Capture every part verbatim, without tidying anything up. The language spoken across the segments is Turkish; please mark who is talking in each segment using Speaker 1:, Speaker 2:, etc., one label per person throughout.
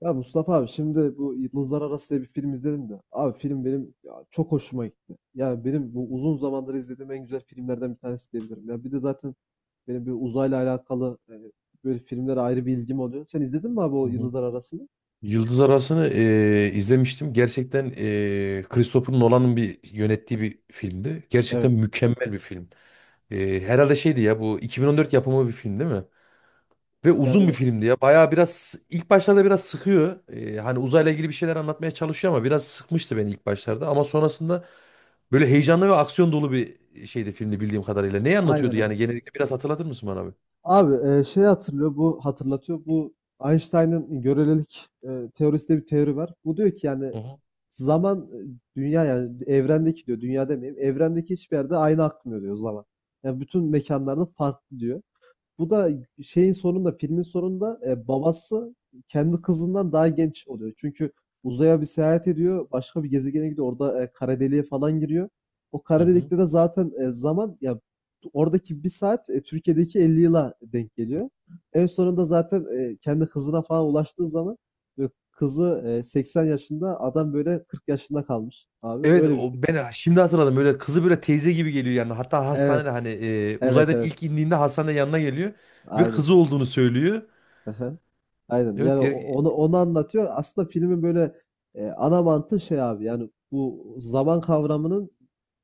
Speaker 1: Ya Mustafa abi, şimdi bu Yıldızlar Arası diye bir film izledim de. Abi, film benim ya çok hoşuma gitti. Yani benim bu uzun zamandır izlediğim en güzel filmlerden bir tanesi diyebilirim. Ya bir de zaten benim bir uzayla alakalı e, böyle filmlere ayrı bir ilgim oluyor. Sen izledin mi abi o
Speaker 2: Hı hı.
Speaker 1: Yıldızlar Arası'nı?
Speaker 2: Yıldız Arası'nı eee, izlemiştim. Gerçekten eee Christopher Nolan'ın bir yönettiği bir filmdi. Gerçekten
Speaker 1: Evet.
Speaker 2: mükemmel bir film. Eee, herhalde şeydi ya, bu iki bin on dört yapımı bir film değil mi? Ve uzun bir
Speaker 1: Yani
Speaker 2: filmdi ya. Bayağı biraz ilk başlarda biraz sıkıyor. Ee, hani uzayla ilgili bir şeyler anlatmaya çalışıyor ama biraz sıkmıştı beni ilk başlarda. Ama sonrasında böyle heyecanlı ve aksiyon dolu bir şeydi filmdi bildiğim kadarıyla. Neyi
Speaker 1: aynen
Speaker 2: anlatıyordu yani,
Speaker 1: aynen.
Speaker 2: genellikle biraz hatırlatır mısın bana abi?
Speaker 1: Abi, e, şey hatırlıyor bu hatırlatıyor bu Einstein'ın görelilik e, teorisinde bir teori var. Bu diyor ki yani
Speaker 2: Hı hı.
Speaker 1: zaman e, dünya yani evrendeki diyor, dünya demeyeyim evrendeki hiçbir yerde aynı akmıyor, diyor, zaman. Yani bütün mekanlarda farklı diyor. Bu da şeyin sonunda, filmin sonunda e, babası kendi kızından daha genç oluyor. Çünkü uzaya bir seyahat ediyor, başka bir gezegene gidiyor. Orada e, kara deliğe falan giriyor. O
Speaker 2: Hı
Speaker 1: kara
Speaker 2: hı.
Speaker 1: delikte de zaten e, zaman ya, oradaki bir saat e, Türkiye'deki elli yıla denk geliyor. En sonunda zaten e, kendi kızına falan ulaştığı zaman e, kızı e, seksen yaşında, adam böyle kırk yaşında kalmış abi.
Speaker 2: Evet,
Speaker 1: Öyle bir
Speaker 2: o
Speaker 1: film.
Speaker 2: ben şimdi hatırladım. Böyle kızı böyle teyze gibi geliyor yani. Hatta hastanede
Speaker 1: Evet.
Speaker 2: hani e,
Speaker 1: Evet,
Speaker 2: uzaydan ilk
Speaker 1: evet.
Speaker 2: indiğinde hastanede yanına geliyor ve
Speaker 1: Aynen.
Speaker 2: kızı olduğunu söylüyor.
Speaker 1: Hı hı. Aynen. Yani
Speaker 2: Evet
Speaker 1: o-
Speaker 2: ya...
Speaker 1: onu onu anlatıyor. Aslında filmin böyle e, ana mantığı şey abi. Yani bu zaman kavramının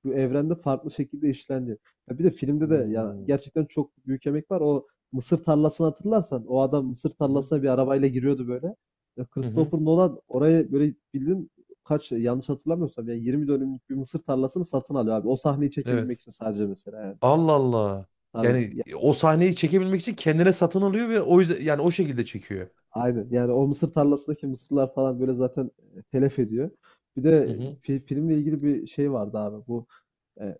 Speaker 1: bu evrende farklı şekilde işlendi. Bir de filmde de ya
Speaker 2: Hmm.
Speaker 1: gerçekten çok büyük emek var. O mısır tarlasını hatırlarsan, o adam mısır
Speaker 2: Hı hı.
Speaker 1: tarlasına bir arabayla giriyordu böyle. Ya
Speaker 2: Hı hı.
Speaker 1: Christopher Nolan orayı böyle bildiğin, kaç, yanlış hatırlamıyorsam yani yirmi dönümlük bir mısır tarlasını satın alıyor abi. O sahneyi
Speaker 2: Evet.
Speaker 1: çekebilmek için sadece, mesela yani.
Speaker 2: Allah Allah.
Speaker 1: Abi
Speaker 2: Yani e, o sahneyi çekebilmek için kendine satın alıyor ve o yüzden yani o şekilde çekiyor.
Speaker 1: aynen. Yani o mısır tarlasındaki mısırlar falan böyle zaten e, telef ediyor. Bir
Speaker 2: Hı
Speaker 1: de
Speaker 2: hı
Speaker 1: fi- filmle ilgili bir şey vardı abi. Bu e,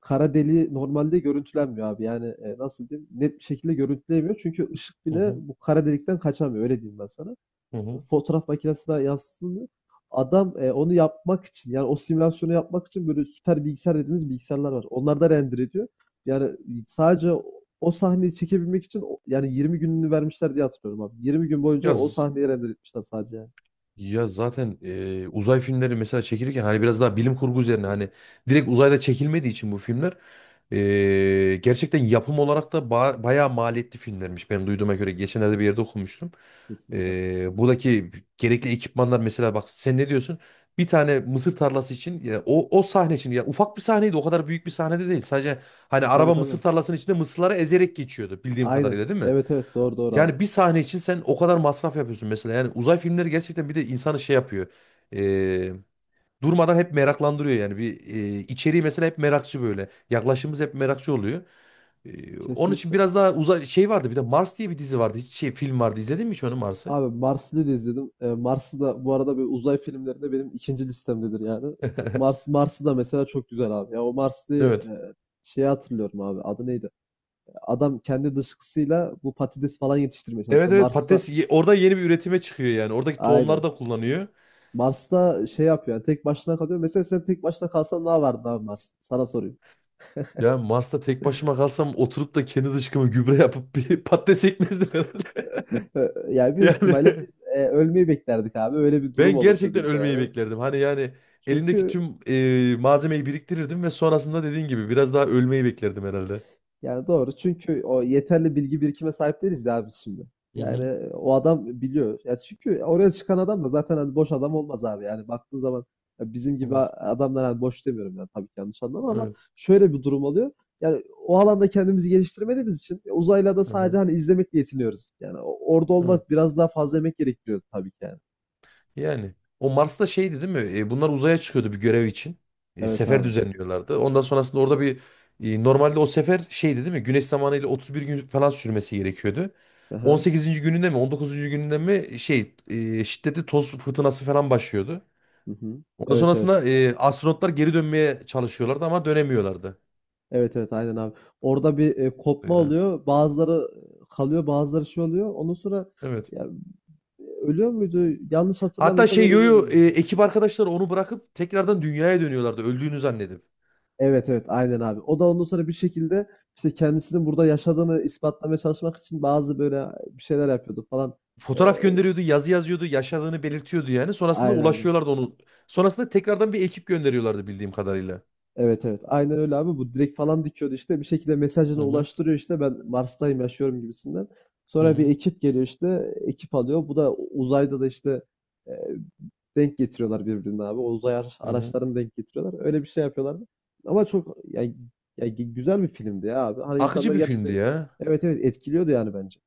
Speaker 1: kara deliği normalde görüntülenmiyor abi. Yani e, nasıl diyeyim? Net bir şekilde görüntüleyemiyor. Çünkü ışık
Speaker 2: hı
Speaker 1: bile
Speaker 2: hı.
Speaker 1: bu kara delikten kaçamıyor. Öyle diyeyim ben sana.
Speaker 2: Hı hı.
Speaker 1: Fotoğraf makinesine yazdığını adam, eee, onu yapmak için, yani o simülasyonu yapmak için böyle süper bilgisayar dediğimiz bilgisayarlar var. Onlar da render ediyor. Yani sadece o, o sahneyi çekebilmek için o, yani yirmi gününü vermişler diye hatırlıyorum abi. yirmi gün boyunca
Speaker 2: Ya
Speaker 1: o sahneyi render etmişler sadece yani.
Speaker 2: Ya zaten e, uzay filmleri mesela çekilirken hani biraz daha bilim kurgu üzerine hani direkt uzayda çekilmediği için bu filmler e, gerçekten yapım olarak da ba- bayağı maliyetli filmlermiş. Benim duyduğuma göre geçenlerde bir yerde okumuştum.
Speaker 1: Kesinlikle.
Speaker 2: E, buradaki gerekli ekipmanlar mesela bak sen ne diyorsun? Bir tane mısır tarlası için ya, o, o sahne için ya, ufak bir sahneydi, o kadar büyük bir sahnede değil. Sadece hani
Speaker 1: Tabii
Speaker 2: araba
Speaker 1: tabii.
Speaker 2: mısır tarlasının içinde mısırları ezerek geçiyordu bildiğim
Speaker 1: Aynen.
Speaker 2: kadarıyla, değil mi?
Speaker 1: Evet evet, doğru doğru abi.
Speaker 2: Yani bir sahne için sen o kadar masraf yapıyorsun mesela. Yani uzay filmleri gerçekten bir de insanı şey yapıyor. Ee, Durmadan hep meraklandırıyor yani. Bir e, içeriği mesela hep merakçı böyle. Yaklaşımımız hep merakçı oluyor. Ee, onun için
Speaker 1: Kesinlikle.
Speaker 2: biraz daha uzay şey vardı. Bir de Mars diye bir dizi vardı. Hiç şey film vardı. İzledin mi hiç onu, Mars'ı?
Speaker 1: Abi, Marslı'yı da izledim. Ee, Mars'ı da bu arada böyle uzay filmlerinde benim ikinci listemdedir yani. Mars Mars'ı da mesela çok güzel abi. Ya o Marslı'yı
Speaker 2: Evet.
Speaker 1: e, şeyi hatırlıyorum abi. Adı neydi? Adam kendi dışkısıyla bu patates falan yetiştirmeye
Speaker 2: Evet
Speaker 1: çalışıyor
Speaker 2: evet,
Speaker 1: Mars'ta.
Speaker 2: patates ye- orada yeni bir üretime çıkıyor yani. Oradaki tohumlar
Speaker 1: Aynen.
Speaker 2: da kullanıyor.
Speaker 1: Mars'ta şey yapıyor, yani tek başına kalıyor. Mesela sen tek başına kalsan ne yapardın abi Mars'ta? Sana sorayım.
Speaker 2: Ya Mars'ta tek başıma kalsam oturup da kendi dışkıma gübre yapıp bir patates ekmezdim herhalde.
Speaker 1: Ee, yani büyük ihtimalle
Speaker 2: Yani
Speaker 1: biz e, ölmeyi beklerdik abi. Öyle bir durum
Speaker 2: ben
Speaker 1: olurdu
Speaker 2: gerçekten
Speaker 1: bizde
Speaker 2: ölmeyi
Speaker 1: yani.
Speaker 2: beklerdim. Hani yani elimdeki
Speaker 1: Çünkü
Speaker 2: tüm e, malzemeyi biriktirirdim ve sonrasında dediğin gibi biraz daha ölmeyi beklerdim herhalde.
Speaker 1: Yani doğru. Çünkü o yeterli bilgi birikime sahip değiliz ya biz şimdi.
Speaker 2: Hı hı.
Speaker 1: Yani o adam biliyor. Ya çünkü oraya çıkan adam da zaten hani boş adam olmaz abi. Yani baktığın zaman ya bizim gibi
Speaker 2: Evet.
Speaker 1: a- adamlar, hani boş demiyorum, yani tabii ki yanlış anlama, ama
Speaker 2: Evet.
Speaker 1: şöyle bir durum oluyor. Yani o alanda kendimizi geliştirmediğimiz için e, uzayla da
Speaker 2: Hı
Speaker 1: sadece
Speaker 2: hı.
Speaker 1: hani izlemekle yetiniyoruz. Yani o- orada
Speaker 2: Evet.
Speaker 1: olmak biraz daha fazla emek gerektiriyor tabii ki yani.
Speaker 2: Yani o Mars'ta şeydi değil mi? E, bunlar uzaya çıkıyordu bir görev için. E,
Speaker 1: Evet
Speaker 2: sefer
Speaker 1: abi.
Speaker 2: düzenliyorlardı. Ondan sonrasında orada bir e, normalde o sefer şeydi değil mi? Güneş zamanıyla otuz bir gün falan sürmesi gerekiyordu.
Speaker 1: Aha.
Speaker 2: on sekizinci gününde mi on dokuzuncu gününde mi şey e, şiddetli toz fırtınası falan başlıyordu.
Speaker 1: Hı hı.
Speaker 2: Ondan
Speaker 1: Evet
Speaker 2: sonrasında
Speaker 1: evet.
Speaker 2: e, astronotlar geri dönmeye çalışıyorlardı ama dönemiyorlardı.
Speaker 1: Evet evet aynen abi. Orada bir e, kopma
Speaker 2: Öyle.
Speaker 1: oluyor. Bazıları kalıyor, bazıları şey oluyor. Ondan sonra
Speaker 2: Evet.
Speaker 1: ya, ölüyor muydu? Yanlış
Speaker 2: Hatta
Speaker 1: hatırlamıyorsam
Speaker 2: şey
Speaker 1: öyle bir
Speaker 2: Yoyo e,
Speaker 1: oluyordu.
Speaker 2: ekip arkadaşları onu bırakıp tekrardan dünyaya dönüyorlardı öldüğünü zannedip.
Speaker 1: Evet evet aynen abi. O da ondan sonra bir şekilde işte kendisinin burada yaşadığını ispatlamaya çalışmak için bazı böyle bir şeyler yapıyordu falan. E,
Speaker 2: Fotoğraf gönderiyordu, yazı yazıyordu, yaşadığını belirtiyordu yani. Sonrasında
Speaker 1: aynen aynen.
Speaker 2: ulaşıyorlardı onu. Sonrasında tekrardan bir ekip gönderiyorlardı bildiğim kadarıyla.
Speaker 1: Evet evet. Aynen öyle abi. Bu direkt falan dikiyordu işte. Bir şekilde
Speaker 2: Hı
Speaker 1: mesajını
Speaker 2: hı,
Speaker 1: ulaştırıyor işte. Ben Mars'tayım, yaşıyorum gibisinden.
Speaker 2: hı
Speaker 1: Sonra bir
Speaker 2: hı,
Speaker 1: ekip geliyor işte. Ekip alıyor. Bu da uzayda da işte e, denk getiriyorlar birbirine abi. O uzay ara-
Speaker 2: hı hı.
Speaker 1: araçlarını denk getiriyorlar. Öyle bir şey yapıyorlardı. Ama çok yani, yani gü- güzel bir filmdi ya abi. Hani insanlar
Speaker 2: Akıcı bir filmdi
Speaker 1: gerçekten,
Speaker 2: ya.
Speaker 1: evet evet, etkiliyordu yani bence.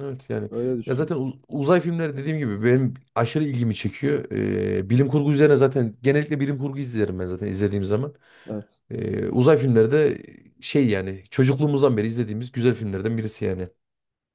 Speaker 2: Evet yani.
Speaker 1: Öyle
Speaker 2: Ya zaten
Speaker 1: düşünüyorum
Speaker 2: uz- uzay filmleri dediğim gibi benim aşırı ilgimi çekiyor. E, bilim kurgu üzerine zaten genellikle bilim kurgu izlerim ben zaten izlediğim zaman.
Speaker 1: yani. Evet.
Speaker 2: Ee, uzay filmleri de şey yani çocukluğumuzdan beri izlediğimiz güzel filmlerden birisi yani.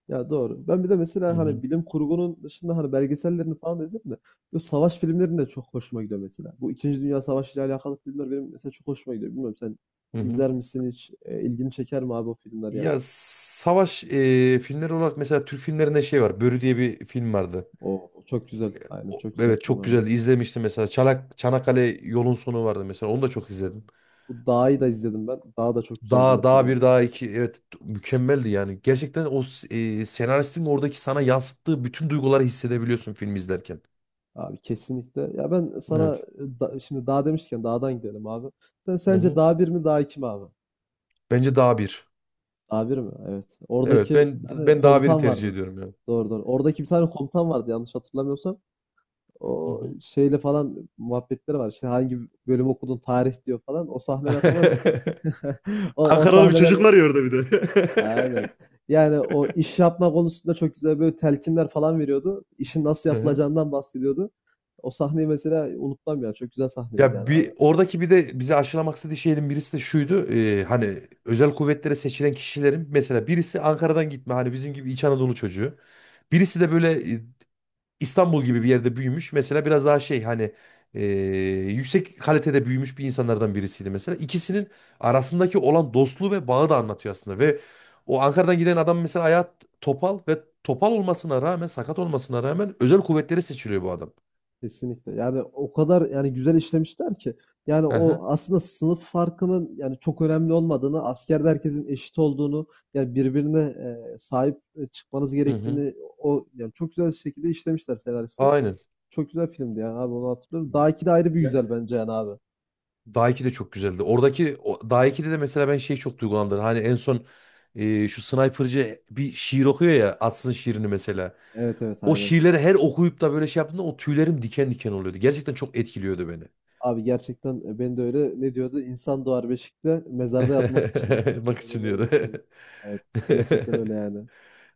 Speaker 1: Ya doğru. Ben bir de mesela
Speaker 2: Hı hı.
Speaker 1: hani bilim kurgunun dışında hani belgesellerini falan da izledim de bu savaş filmlerinin de çok hoşuma gidiyor mesela. Bu İkinci Dünya Savaşı ile alakalı filmler benim mesela çok hoşuma gidiyor. Bilmiyorum, sen
Speaker 2: Hı hı.
Speaker 1: izler misin hiç? E, ilgini çeker mi abi o filmler yani?
Speaker 2: Ya savaş e, filmleri olarak mesela Türk filmlerinde şey var. Börü diye bir film vardı.
Speaker 1: O çok güzel. Aynen,
Speaker 2: O-
Speaker 1: çok güzel
Speaker 2: evet
Speaker 1: film
Speaker 2: çok
Speaker 1: abi.
Speaker 2: güzeldi. İzlemiştim mesela. Çanak, Çanakkale Yolun Sonu vardı mesela. Onu da çok izledim.
Speaker 1: Bu Dağ'ı da izledim ben. Dağ da çok güzeldi
Speaker 2: Daha daha bir
Speaker 1: mesela.
Speaker 2: daha iki, evet mükemmeldi yani. Gerçekten o s- e, senaristin oradaki sana yansıttığı bütün duyguları hissedebiliyorsun film izlerken.
Speaker 1: Abi kesinlikle. Ya ben sana
Speaker 2: Evet.
Speaker 1: e, da- şimdi Dağ demişken Dağ'dan gidelim abi. Sen
Speaker 2: Hı
Speaker 1: sence
Speaker 2: hı.
Speaker 1: Dağ bir mi Dağ iki mi abi?
Speaker 2: Bence daha bir.
Speaker 1: A mi? Evet.
Speaker 2: Evet,
Speaker 1: Oradaki
Speaker 2: ben
Speaker 1: bir tane
Speaker 2: ben daha biri
Speaker 1: komutan
Speaker 2: tercih
Speaker 1: vardı.
Speaker 2: ediyorum
Speaker 1: Doğru doğru. Oradaki bir tane komutan vardı yanlış hatırlamıyorsam. O
Speaker 2: yani.
Speaker 1: şeyle falan muhabbetleri var. İşte hangi bölüm okudun tarih diyor falan. O sahneler falan. O, o
Speaker 2: Ankaralı bir çocuk
Speaker 1: sahneler.
Speaker 2: var ya orada bir de.
Speaker 1: Aynen. Yani o iş yapma konusunda çok güzel böyle telkinler falan veriyordu. İşin nasıl
Speaker 2: Hı hı.
Speaker 1: yapılacağından bahsediyordu. O sahneyi mesela unutmam ya. Çok güzel sahnedir
Speaker 2: Ya
Speaker 1: yani abi.
Speaker 2: bir oradaki bir de bize aşılamak istediği şeyin birisi de şuydu. E, hani özel kuvvetlere seçilen kişilerin mesela birisi Ankara'dan gitme, hani bizim gibi İç Anadolu çocuğu. Birisi de böyle e, İstanbul gibi bir yerde büyümüş. Mesela biraz daha şey, hani e, yüksek kalitede büyümüş bir insanlardan birisiydi mesela. İkisinin arasındaki olan dostluğu ve bağı da anlatıyor aslında. Ve o Ankara'dan giden adam mesela ayağı topal ve topal olmasına rağmen, sakat olmasına rağmen özel kuvvetleri seçiliyor bu adam.
Speaker 1: Kesinlikle. Yani o kadar yani güzel işlemişler ki. Yani o
Speaker 2: Aha.
Speaker 1: aslında sınıf farkının yani çok önemli olmadığını, askerde herkesin eşit olduğunu, yani birbirine e, sahip e, çıkmanız
Speaker 2: Hı hı.
Speaker 1: gerektiğini o yani çok güzel şekilde işlemişler senaristler.
Speaker 2: Aynen.
Speaker 1: Çok güzel filmdi yani abi, onu hatırlıyorum. Daha iki de ayrı bir güzel bence yani abi.
Speaker 2: Dağ iki de çok güzeldi. Oradaki o, Dağ ikide de mesela ben şey çok duygulandım. Hani en son e, şu sniper'cı bir şiir okuyor ya, Atsın şiirini mesela.
Speaker 1: Evet evet
Speaker 2: O
Speaker 1: aynen.
Speaker 2: şiirleri her okuyup da böyle şey yaptığımda o tüylerim diken diken oluyordu. Gerçekten çok etkiliyordu beni.
Speaker 1: Abi gerçekten e, ben de öyle, ne diyordu? İnsan doğar beşikte mezarda yatmak için.
Speaker 2: Bak,
Speaker 1: Öyle
Speaker 2: için
Speaker 1: öyle
Speaker 2: diyordu.
Speaker 1: bir şey. Evet. Gerçekten öyle yani.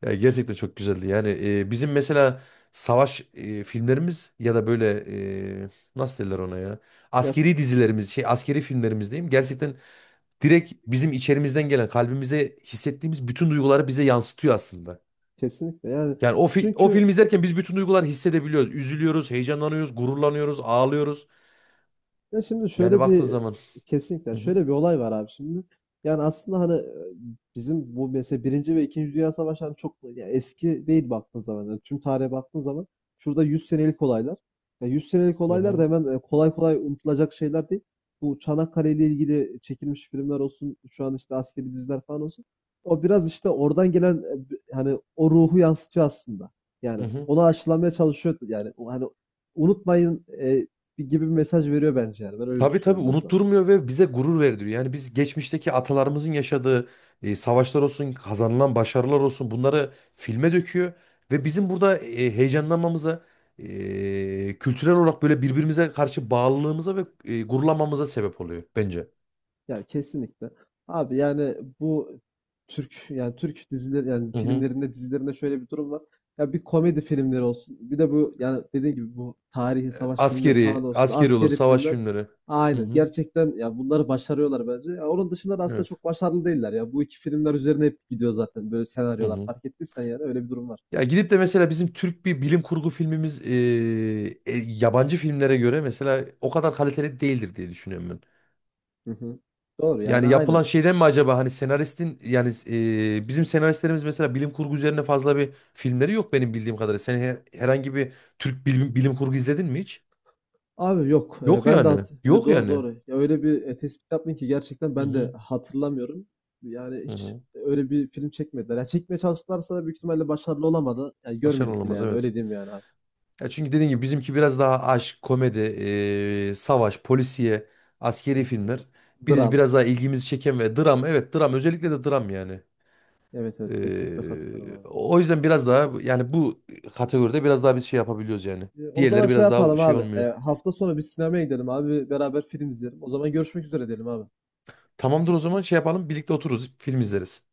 Speaker 2: Ya gerçekten çok güzeldi. Yani e, bizim mesela savaş e, filmlerimiz ya da böyle e, nasıl derler ona ya?
Speaker 1: Ya
Speaker 2: Askeri dizilerimiz, şey askeri filmlerimiz diyeyim. Gerçekten direkt bizim içerimizden gelen, kalbimize hissettiğimiz bütün duyguları bize yansıtıyor aslında.
Speaker 1: kesinlikle yani.
Speaker 2: Yani o, fi- o
Speaker 1: Çünkü
Speaker 2: film izlerken biz bütün duyguları hissedebiliyoruz. Üzülüyoruz, heyecanlanıyoruz, gururlanıyoruz, ağlıyoruz.
Speaker 1: Ya şimdi
Speaker 2: Yani
Speaker 1: şöyle
Speaker 2: baktığın
Speaker 1: bir
Speaker 2: zaman.
Speaker 1: kesinlikle
Speaker 2: Hı hı,
Speaker 1: şöyle bir olay var abi şimdi. Yani aslında hani e, bizim bu mesela Birinci ve İkinci Dünya Savaşı hani çok ya eski değil baktığın zaman. Yani tüm tarihe baktığın zaman şurada yüz senelik olaylar. Ya yüz senelik
Speaker 2: hı
Speaker 1: olaylar da
Speaker 2: hı,
Speaker 1: hemen e, kolay kolay unutulacak şeyler değil. Bu Çanakkale ile ilgili çekilmiş filmler olsun, şu an işte askeri diziler falan olsun. O biraz işte oradan gelen e, bi- hani o ruhu yansıtıyor aslında.
Speaker 2: hı
Speaker 1: Yani
Speaker 2: hı.
Speaker 1: onu aşılamaya çalışıyor yani o hani unutmayın e, bir gibi bir mesaj veriyor bence yani. Ben öyle
Speaker 2: Tabii tabii,
Speaker 1: düşünüyorum biraz daha.
Speaker 2: unutturmuyor ve bize gurur verdiriyor. Yani biz geçmişteki atalarımızın yaşadığı e, savaşlar olsun, kazanılan başarılar olsun, bunları filme döküyor. Ve bizim burada e, heyecanlanmamıza, e, kültürel olarak böyle birbirimize karşı bağlılığımıza ve e, gururlanmamıza sebep oluyor bence.
Speaker 1: Yani kesinlikle. Abi yani bu Türk, yani Türk dizileri, yani
Speaker 2: Hı hı.
Speaker 1: filmlerinde, dizilerinde şöyle bir durum var. Ya bir, komedi filmleri olsun. Bir de bu yani dediğim gibi bu tarihi savaş filmleri falan
Speaker 2: Askeri,
Speaker 1: olsun.
Speaker 2: askeri olur,
Speaker 1: Askeri
Speaker 2: savaş
Speaker 1: filmler.
Speaker 2: filmleri. Hı
Speaker 1: Aynen.
Speaker 2: hı.
Speaker 1: Gerçekten ya bunları başarıyorlar bence. Ya onun dışında da aslında
Speaker 2: Evet.
Speaker 1: çok başarılı değiller ya. Bu iki filmler üzerine hep gidiyor zaten böyle
Speaker 2: Hı
Speaker 1: senaryolar.
Speaker 2: hı.
Speaker 1: Fark ettiysen yani öyle bir durum var.
Speaker 2: Ya gidip de mesela bizim Türk bir bilim kurgu filmimiz e, e, yabancı filmlere göre mesela o kadar kaliteli değildir diye düşünüyorum ben.
Speaker 1: Hı hı. Doğru yani
Speaker 2: Yani yapılan
Speaker 1: aynen.
Speaker 2: şeyden mi acaba, hani senaristin yani e, bizim senaristlerimiz mesela bilim kurgu üzerine fazla bir filmleri yok benim bildiğim kadarıyla. Sen he- herhangi bir Türk bilim, bilim kurgu izledin mi hiç?
Speaker 1: Abi yok, eee,
Speaker 2: Yok
Speaker 1: ben de
Speaker 2: yani.
Speaker 1: hat Yo,
Speaker 2: Yok
Speaker 1: doğru,
Speaker 2: yani.
Speaker 1: doğru. Ya, öyle bir, eee, tespit yaptın ki gerçekten
Speaker 2: Hı
Speaker 1: ben de
Speaker 2: hı.
Speaker 1: hatırlamıyorum. Yani
Speaker 2: Hı
Speaker 1: hiç
Speaker 2: hı.
Speaker 1: öyle bir film çekmediler. Ya, çekmeye çalıştılarsa da büyük ihtimalle başarılı olamadı. Yani
Speaker 2: Başarılı
Speaker 1: görmedik bile
Speaker 2: olamaz,
Speaker 1: yani,
Speaker 2: evet.
Speaker 1: öyle diyeyim yani abi.
Speaker 2: Ya çünkü dediğim gibi bizimki biraz daha aşk, komedi, eee, savaş, polisiye, askeri filmler.
Speaker 1: Eee,
Speaker 2: Biz
Speaker 1: Dram.
Speaker 2: biraz daha ilgimizi çeken ve dram. Evet, dram, özellikle de dram yani.
Speaker 1: Evet, evet, kesinlikle katılıyorum
Speaker 2: Eee,
Speaker 1: abi.
Speaker 2: o yüzden biraz daha yani bu kategoride biraz daha biz şey yapabiliyoruz yani.
Speaker 1: Eee, o zaman
Speaker 2: Diğerleri
Speaker 1: şey
Speaker 2: biraz daha
Speaker 1: yapalım
Speaker 2: şey
Speaker 1: abi, eee,
Speaker 2: olmuyor.
Speaker 1: hafta sonu bir sinemaya gidelim abi, beraber film izleyelim. O zaman görüşmek üzere diyelim abi.
Speaker 2: Tamamdır, o zaman şey yapalım, birlikte otururuz, film izleriz.